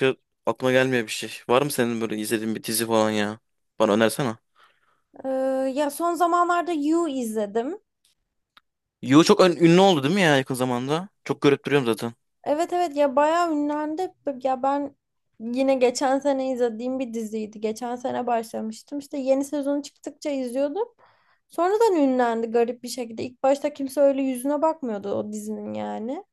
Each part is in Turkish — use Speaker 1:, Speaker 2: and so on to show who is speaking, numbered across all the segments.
Speaker 1: Şu aklıma gelmiyor bir şey. Var mı senin böyle izlediğin bir dizi falan ya? Bana önersene.
Speaker 2: Ee, Ya son zamanlarda You izledim.
Speaker 1: You çok ünlü oldu değil mi ya yakın zamanda? Çok görüp duruyorum zaten.
Speaker 2: Evet, evet, ya bayağı ünlendi. Ya ben yine geçen sene izlediğim bir diziydi. Geçen sene başlamıştım. İşte yeni sezonu çıktıkça izliyordum. Sonradan ünlendi garip bir şekilde. İlk başta kimse öyle yüzüne bakmıyordu o dizinin yani.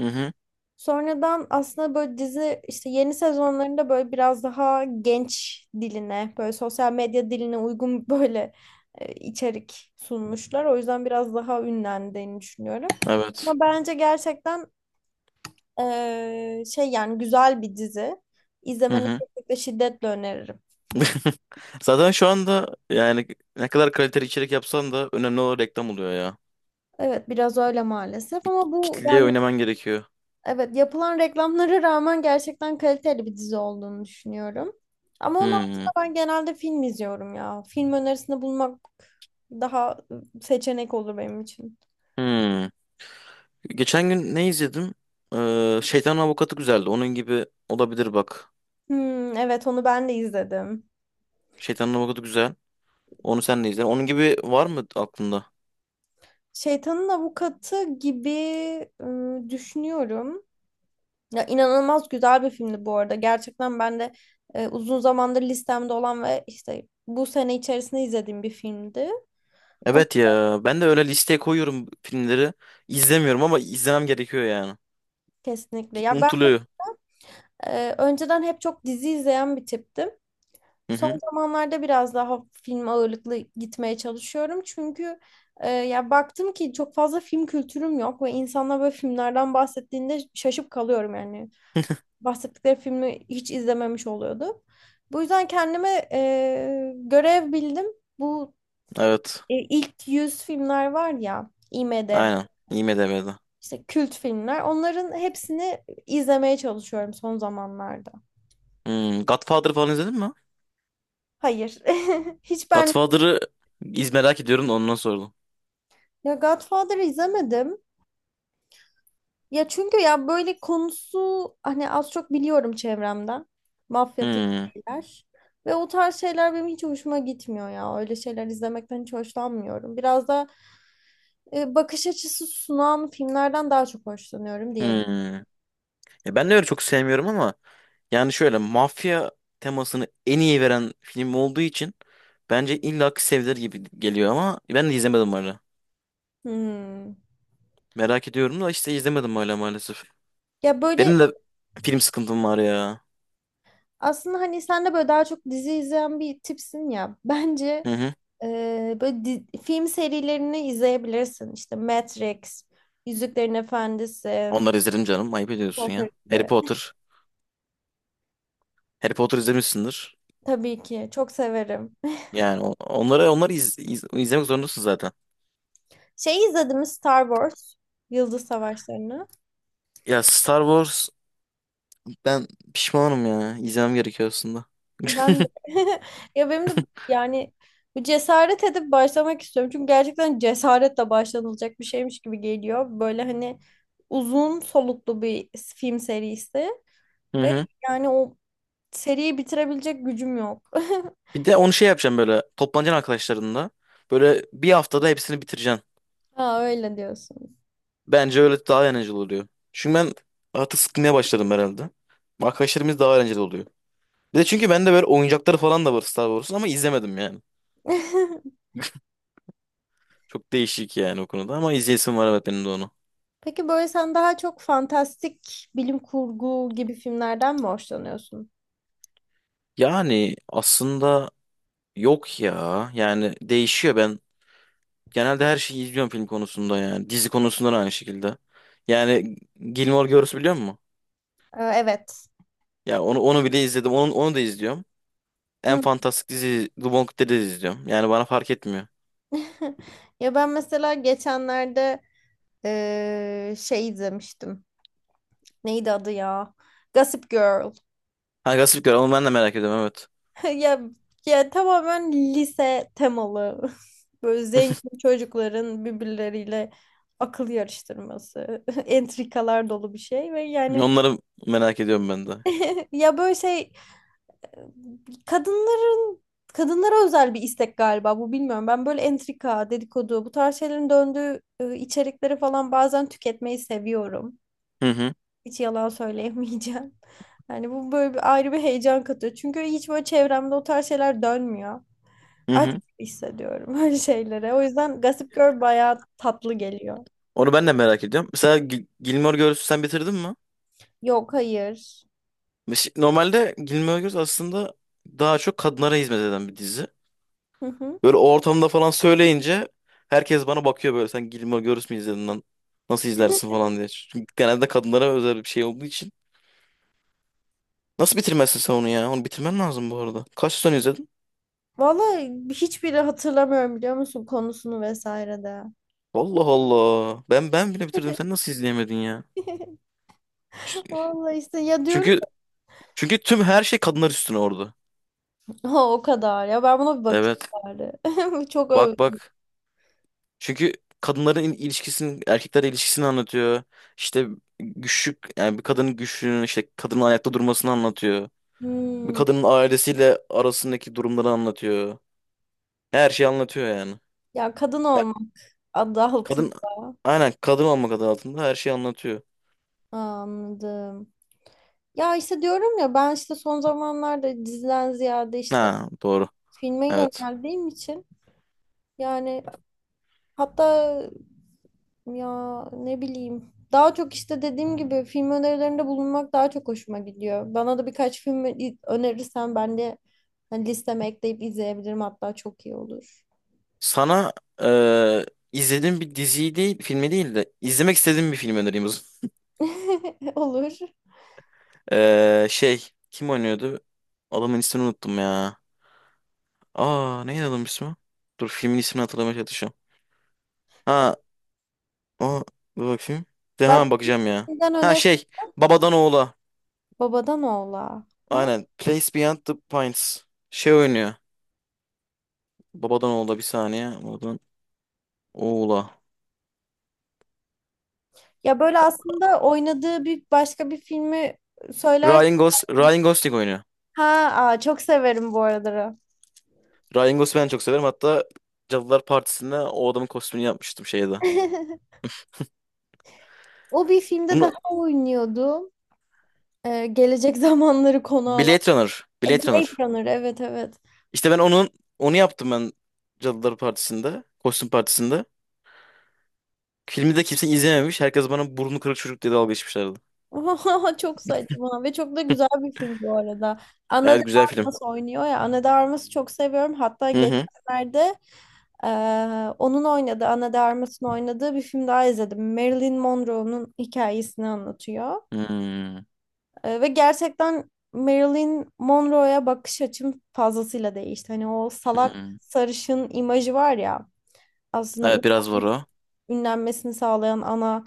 Speaker 1: Hı hı.
Speaker 2: Sonradan aslında böyle dizi işte yeni sezonlarında böyle biraz daha genç diline, böyle sosyal medya diline uygun böyle içerik sunmuşlar. O yüzden biraz daha ünlendiğini düşünüyorum.
Speaker 1: Evet.
Speaker 2: Ama bence gerçekten şey, yani güzel bir dizi.
Speaker 1: Hı
Speaker 2: İzlemeni
Speaker 1: hı.
Speaker 2: kesinlikle şiddetle öneririm.
Speaker 1: Zaten şu anda yani ne kadar kaliteli içerik yapsan da önemli olan reklam oluyor ya.
Speaker 2: Evet, biraz öyle maalesef ama bu
Speaker 1: Kitleye
Speaker 2: yani
Speaker 1: oynaman gerekiyor.
Speaker 2: evet, yapılan reklamlara rağmen gerçekten kaliteli bir dizi olduğunu düşünüyorum. Ama onun
Speaker 1: Hmm.
Speaker 2: haricinde ben genelde film izliyorum ya. Film önerisinde bulmak daha seçenek olur benim için.
Speaker 1: Hmm. Geçen gün ne izledim? Şeytanın Avukatı güzeldi. Onun gibi olabilir bak.
Speaker 2: Hmm, evet onu ben de izledim.
Speaker 1: Şeytanın Avukatı güzel. Onu sen de izle. Onun gibi var mı aklında?
Speaker 2: Şeytanın Avukatı gibi düşünüyorum. Ya inanılmaz güzel bir filmdi bu arada. Gerçekten ben de uzun zamandır listemde olan ve işte bu sene içerisinde izlediğim bir filmdi. Onu
Speaker 1: Evet ya ben de öyle listeye koyuyorum filmleri. İzlemiyorum ama izlemem gerekiyor yani.
Speaker 2: kesinlikle. Ya ben
Speaker 1: Unutuluyor.
Speaker 2: Önceden hep çok dizi izleyen bir tiptim.
Speaker 1: Hı hı.
Speaker 2: Son zamanlarda biraz daha film ağırlıklı gitmeye çalışıyorum. Çünkü ya baktım ki çok fazla film kültürüm yok ve insanlar böyle filmlerden bahsettiğinde şaşıp kalıyorum yani. Bahsettikleri filmi hiç izlememiş oluyordu. Bu yüzden kendime görev bildim. Bu
Speaker 1: Evet.
Speaker 2: ilk 100 filmler var ya, IMDb,
Speaker 1: Aynen. IMDb'de.
Speaker 2: işte kült filmler, onların hepsini izlemeye çalışıyorum son zamanlarda.
Speaker 1: Hmm, Godfather falan izledin mi?
Speaker 2: Hayır. Hiç ben
Speaker 1: Godfather'ı merak ediyorum da ondan sordum.
Speaker 2: ya Godfather'ı izlemedim. Ya çünkü ya böyle konusu hani az çok biliyorum çevremden. Mafya tek
Speaker 1: Hmm,
Speaker 2: şeyler. Ve o tarz şeyler benim hiç hoşuma gitmiyor ya. Öyle şeyler izlemekten hiç hoşlanmıyorum. Biraz da bakış açısı sunan filmlerden daha çok hoşlanıyorum diye.
Speaker 1: hmm. Ya ben de öyle çok sevmiyorum ama yani şöyle mafya temasını en iyi veren film olduğu için bence illa ki sevilir gibi geliyor ama ben de izlemedim öyle.
Speaker 2: Hmm.
Speaker 1: Merak ediyorum da işte izlemedim hala maalesef.
Speaker 2: Ya böyle
Speaker 1: Benim de film sıkıntım var ya.
Speaker 2: aslında hani sen de böyle daha çok dizi izleyen bir tipsin ya. Bence
Speaker 1: Hı hı.
Speaker 2: böyle film serilerini izleyebilirsin. İşte Matrix, Yüzüklerin Efendisi.
Speaker 1: Onları izledim canım. Ayıp ediyorsun
Speaker 2: Çok
Speaker 1: ya. Harry
Speaker 2: gibi.
Speaker 1: Potter. Harry Potter izlemişsindir.
Speaker 2: Tabii ki. Çok severim.
Speaker 1: Yani onları izlemek zorundasın zaten.
Speaker 2: Şey izledim mi Star Wars. Yıldız Savaşları'nı.
Speaker 1: Ya Star Wars ben pişmanım ya. İzlemem gerekiyor aslında.
Speaker 2: Ben de. Ya benim de yani bu cesaret edip başlamak istiyorum. Çünkü gerçekten cesaretle başlanılacak bir şeymiş gibi geliyor. Böyle hani uzun soluklu bir film serisi.
Speaker 1: Hı
Speaker 2: Ve
Speaker 1: hı.
Speaker 2: yani o seriyi bitirebilecek gücüm yok.
Speaker 1: Bir de onu şey yapacağım, böyle toplanacaksın arkadaşlarınla. Böyle bir haftada hepsini bitireceksin.
Speaker 2: Aa, öyle diyorsun.
Speaker 1: Bence öyle daha eğlenceli oluyor. Çünkü ben artık sıkılmaya başladım herhalde. Arkadaşlarımız daha eğlenceli oluyor. Bir de çünkü bende böyle oyuncakları falan da var Star Wars'un ama izlemedim yani. Çok değişik yani o konuda ama izleyesim var, evet, benim de onu.
Speaker 2: Peki böyle sen daha çok fantastik bilim kurgu gibi filmlerden mi hoşlanıyorsun?
Speaker 1: Yani aslında yok ya. Yani değişiyor ben. Genelde her şeyi izliyorum film konusunda yani. Dizi konusunda da aynı şekilde. Yani Gilmore Girls biliyor musun?
Speaker 2: Evet.
Speaker 1: Ya onu bile izledim. Onu da izliyorum. En
Speaker 2: Hı.
Speaker 1: fantastik dizi The Walking Dead'i de izliyorum. Yani bana fark etmiyor.
Speaker 2: Ya ben mesela geçenlerde şey izlemiştim. Neydi adı ya? Gossip Girl.
Speaker 1: Ha Gossip Girl, onu ben de merak ediyorum, evet.
Speaker 2: Ya ya tamamen lise temalı. Böyle zengin çocukların birbirleriyle akıl yarıştırması, entrikalar dolu bir şey ve yani
Speaker 1: Onları merak ediyorum ben de.
Speaker 2: ya böyle şey, kadınların kadınlara özel bir istek galiba bu, bilmiyorum. Ben böyle entrika, dedikodu, bu tarz şeylerin döndüğü içerikleri falan bazen tüketmeyi seviyorum.
Speaker 1: Hı hı.
Speaker 2: Hiç yalan söyleyemeyeceğim. Yani bu böyle bir ayrı bir heyecan katıyor. Çünkü hiç böyle çevremde o tarz şeyler dönmüyor.
Speaker 1: Hı
Speaker 2: Aç
Speaker 1: hı.
Speaker 2: hissediyorum öyle şeylere. O yüzden Gossip Girl bayağı tatlı geliyor.
Speaker 1: Onu ben de merak ediyorum. Mesela Gilmore Girls'ü sen bitirdin mi?
Speaker 2: Yok, hayır.
Speaker 1: Normalde Gilmore Girls aslında daha çok kadınlara hizmet eden bir dizi.
Speaker 2: Hı hı.
Speaker 1: Böyle o ortamda falan söyleyince herkes bana bakıyor, böyle sen Gilmore Girls mi izledin lan? Nasıl izlersin falan diye. Çünkü genelde kadınlara özel bir şey olduğu için. Nasıl bitirmezsin sen onu ya? Onu bitirmen lazım bu arada. Kaç sezon izledin?
Speaker 2: Vallahi hiçbiri hatırlamıyorum biliyor musun konusunu vesaire de.
Speaker 1: Allah Allah. Ben bile bitirdim. Sen nasıl izleyemedin ya? Ç-
Speaker 2: Vallahi işte ya diyorum
Speaker 1: Çünkü çünkü tüm her şey kadınlar üstüne orada.
Speaker 2: ha o kadar, ya ben buna bir bakayım
Speaker 1: Evet.
Speaker 2: bari. Çok öv.
Speaker 1: Bak bak. Çünkü kadınların ilişkisini, erkeklerle ilişkisini anlatıyor. İşte güçlük, yani bir kadının güçlüğünü, işte kadının ayakta durmasını anlatıyor. Bir
Speaker 2: Hmm.
Speaker 1: kadının ailesiyle arasındaki durumları anlatıyor. Her şeyi anlatıyor yani.
Speaker 2: Ya kadın
Speaker 1: Ya,
Speaker 2: olmak adı
Speaker 1: kadın,
Speaker 2: altında.
Speaker 1: aynen kadın olmak adı altında her şeyi anlatıyor.
Speaker 2: Anladım. Ya işte diyorum ya ben işte son zamanlarda diziden ziyade işte
Speaker 1: Ha, doğru.
Speaker 2: filme
Speaker 1: Evet.
Speaker 2: yöneldiğim için yani hatta ya ne bileyim daha çok işte dediğim gibi film önerilerinde bulunmak daha çok hoşuma gidiyor. Bana da birkaç film önerirsen ben de hani listeme ekleyip izleyebilirim, hatta çok iyi olur.
Speaker 1: Sana eee izlediğim bir diziyi değil, filmi değil de izlemek istediğim bir film önereyim o zaman.
Speaker 2: Olur.
Speaker 1: Şey, kim oynuyordu? Adamın ismini unuttum ya. Aa neydi adamın ismi? Dur filmin ismini hatırlamaya çalışıyorum. Ha o, dur bakayım. De hemen bakacağım ya.
Speaker 2: Başkasından
Speaker 1: Ha
Speaker 2: öner,
Speaker 1: şey, Babadan Oğula.
Speaker 2: babadan oğla. Ha?
Speaker 1: Aynen. Place Beyond the Pines. Şey oynuyor. Babadan Oğula, bir saniye. Babadan Oğula.
Speaker 2: Ya böyle aslında oynadığı bir başka bir filmi söyler.
Speaker 1: Ryan Gosling oynuyor.
Speaker 2: Ha, aa, çok severim bu araları.
Speaker 1: Ryan Gosling'i ben çok severim. Hatta Cadılar Partisi'nde o adamın kostümünü yapmıştım şeyde.
Speaker 2: O bir filmde daha
Speaker 1: Bunu
Speaker 2: oynuyordu. Gelecek zamanları konu alan.
Speaker 1: Blade Runner. Blade Runner.
Speaker 2: Blade Runner, evet, evet.
Speaker 1: İşte ben onun onu yaptım ben, Cadılar Partisi'nde. Kostüm Partisi'nde. Filmi de kimse izlememiş. Herkes bana burnu kırık çocuk diye dalga geçmişlerdi.
Speaker 2: Çok saçma ve çok da güzel bir film bu arada. Ana de
Speaker 1: Evet güzel film.
Speaker 2: Armas oynuyor ya. Ana de Armas'ı çok seviyorum. Hatta
Speaker 1: Hı hı.
Speaker 2: geçenlerde onun oynadığı, Ana de Armas'ın oynadığı bir film daha izledim. Marilyn Monroe'nun hikayesini anlatıyor.
Speaker 1: Hmm,
Speaker 2: Ve gerçekten Marilyn Monroe'ya bakış açım fazlasıyla değişti. Hani o salak
Speaker 1: hmm.
Speaker 2: sarışın imajı var ya, aslında
Speaker 1: Evet biraz var o.
Speaker 2: ünlenmesini sağlayan ana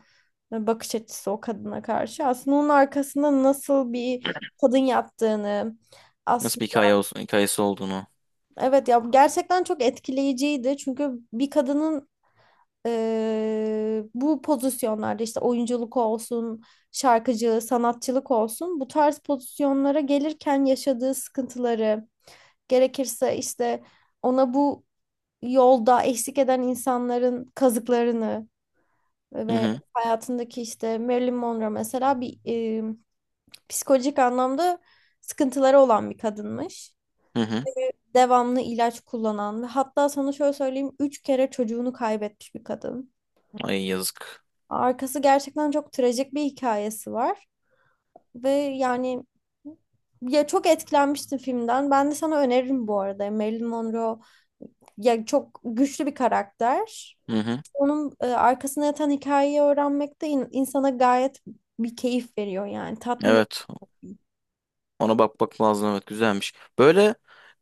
Speaker 2: bakış açısı o kadına karşı. Aslında onun arkasında nasıl bir kadın yattığını,
Speaker 1: Nasıl bir hikaye olsun, hikayesi olduğunu.
Speaker 2: evet ya gerçekten çok etkileyiciydi. Çünkü bir kadının bu pozisyonlarda işte oyunculuk olsun, şarkıcı, sanatçılık olsun bu tarz pozisyonlara gelirken yaşadığı sıkıntıları, gerekirse işte ona bu yolda eksik eden insanların kazıklarını
Speaker 1: Hı
Speaker 2: ve
Speaker 1: hı.
Speaker 2: hayatındaki işte Marilyn Monroe mesela bir psikolojik anlamda sıkıntıları olan bir kadınmış,
Speaker 1: Hı hı.
Speaker 2: devamlı ilaç kullanan ve hatta sana şöyle söyleyeyim 3 kere çocuğunu kaybetmiş bir kadın.
Speaker 1: Ay yazık.
Speaker 2: Arkası gerçekten çok trajik bir hikayesi var ve yani ya çok etkilenmiştim filmden. Ben de sana öneririm bu arada. Marilyn Monroe ya çok güçlü bir karakter.
Speaker 1: Hı hı.
Speaker 2: Onun arkasına yatan hikayeyi öğrenmek de insana gayet bir keyif veriyor yani tatmin.
Speaker 1: Evet. Ona bakmak lazım, evet, güzelmiş. Böyle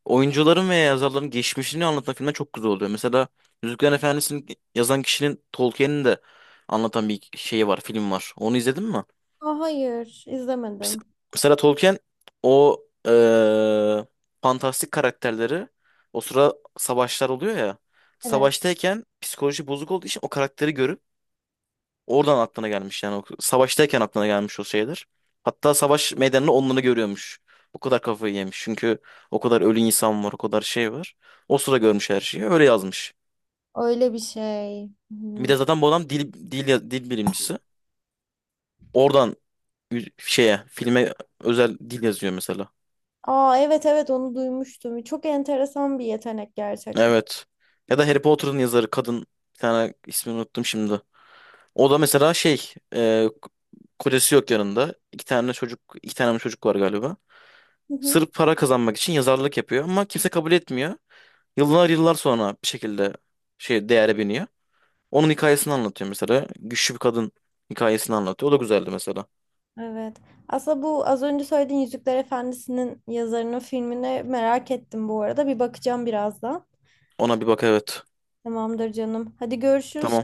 Speaker 1: oyuncuların veya yazarların geçmişini anlatan filmler çok güzel oluyor. Mesela Yüzüklerin Efendisi'ni yazan kişinin, Tolkien'in de anlatan bir şeyi var, film var. Onu izledin mi?
Speaker 2: Aa, hayır,
Speaker 1: Mes-
Speaker 2: izlemedim.
Speaker 1: Mesela Tolkien o, eee, fantastik karakterleri, o sıra savaşlar oluyor ya.
Speaker 2: Evet.
Speaker 1: Savaştayken psikoloji bozuk olduğu için o karakteri görüp oradan aklına gelmiş yani. O savaştayken aklına gelmiş o şeyler. Hatta savaş meydanını, onları görüyormuş. O kadar kafayı yemiş. Çünkü o kadar ölü insan var, o kadar şey var. O sıra görmüş her şeyi. Öyle yazmış.
Speaker 2: Öyle bir şey.
Speaker 1: Bir
Speaker 2: Hı.
Speaker 1: de zaten bu adam dil dil bilimcisi. Oradan şeye, filme özel dil yazıyor mesela.
Speaker 2: Aa, evet, evet onu duymuştum. Çok enteresan bir yetenek gerçekten.
Speaker 1: Evet. Ya da Harry Potter'ın yazarı kadın bir tane, ismini unuttum şimdi. O da mesela şey, kocası yok yanında. İki tane çocuk, iki tane mi çocuk var galiba.
Speaker 2: Hı hı.
Speaker 1: Sırf para kazanmak için yazarlık yapıyor ama kimse kabul etmiyor. Yıllar yıllar sonra bir şekilde şey, değere biniyor. Onun hikayesini anlatıyor mesela. Güçlü bir kadın hikayesini anlatıyor. O da güzeldi mesela.
Speaker 2: Evet. Aslında bu az önce söylediğin Yüzükler Efendisi'nin yazarının filmini merak ettim bu arada. Bir bakacağım birazdan.
Speaker 1: Ona bir bak, evet.
Speaker 2: Tamamdır canım. Hadi görüşürüz.
Speaker 1: Tamam.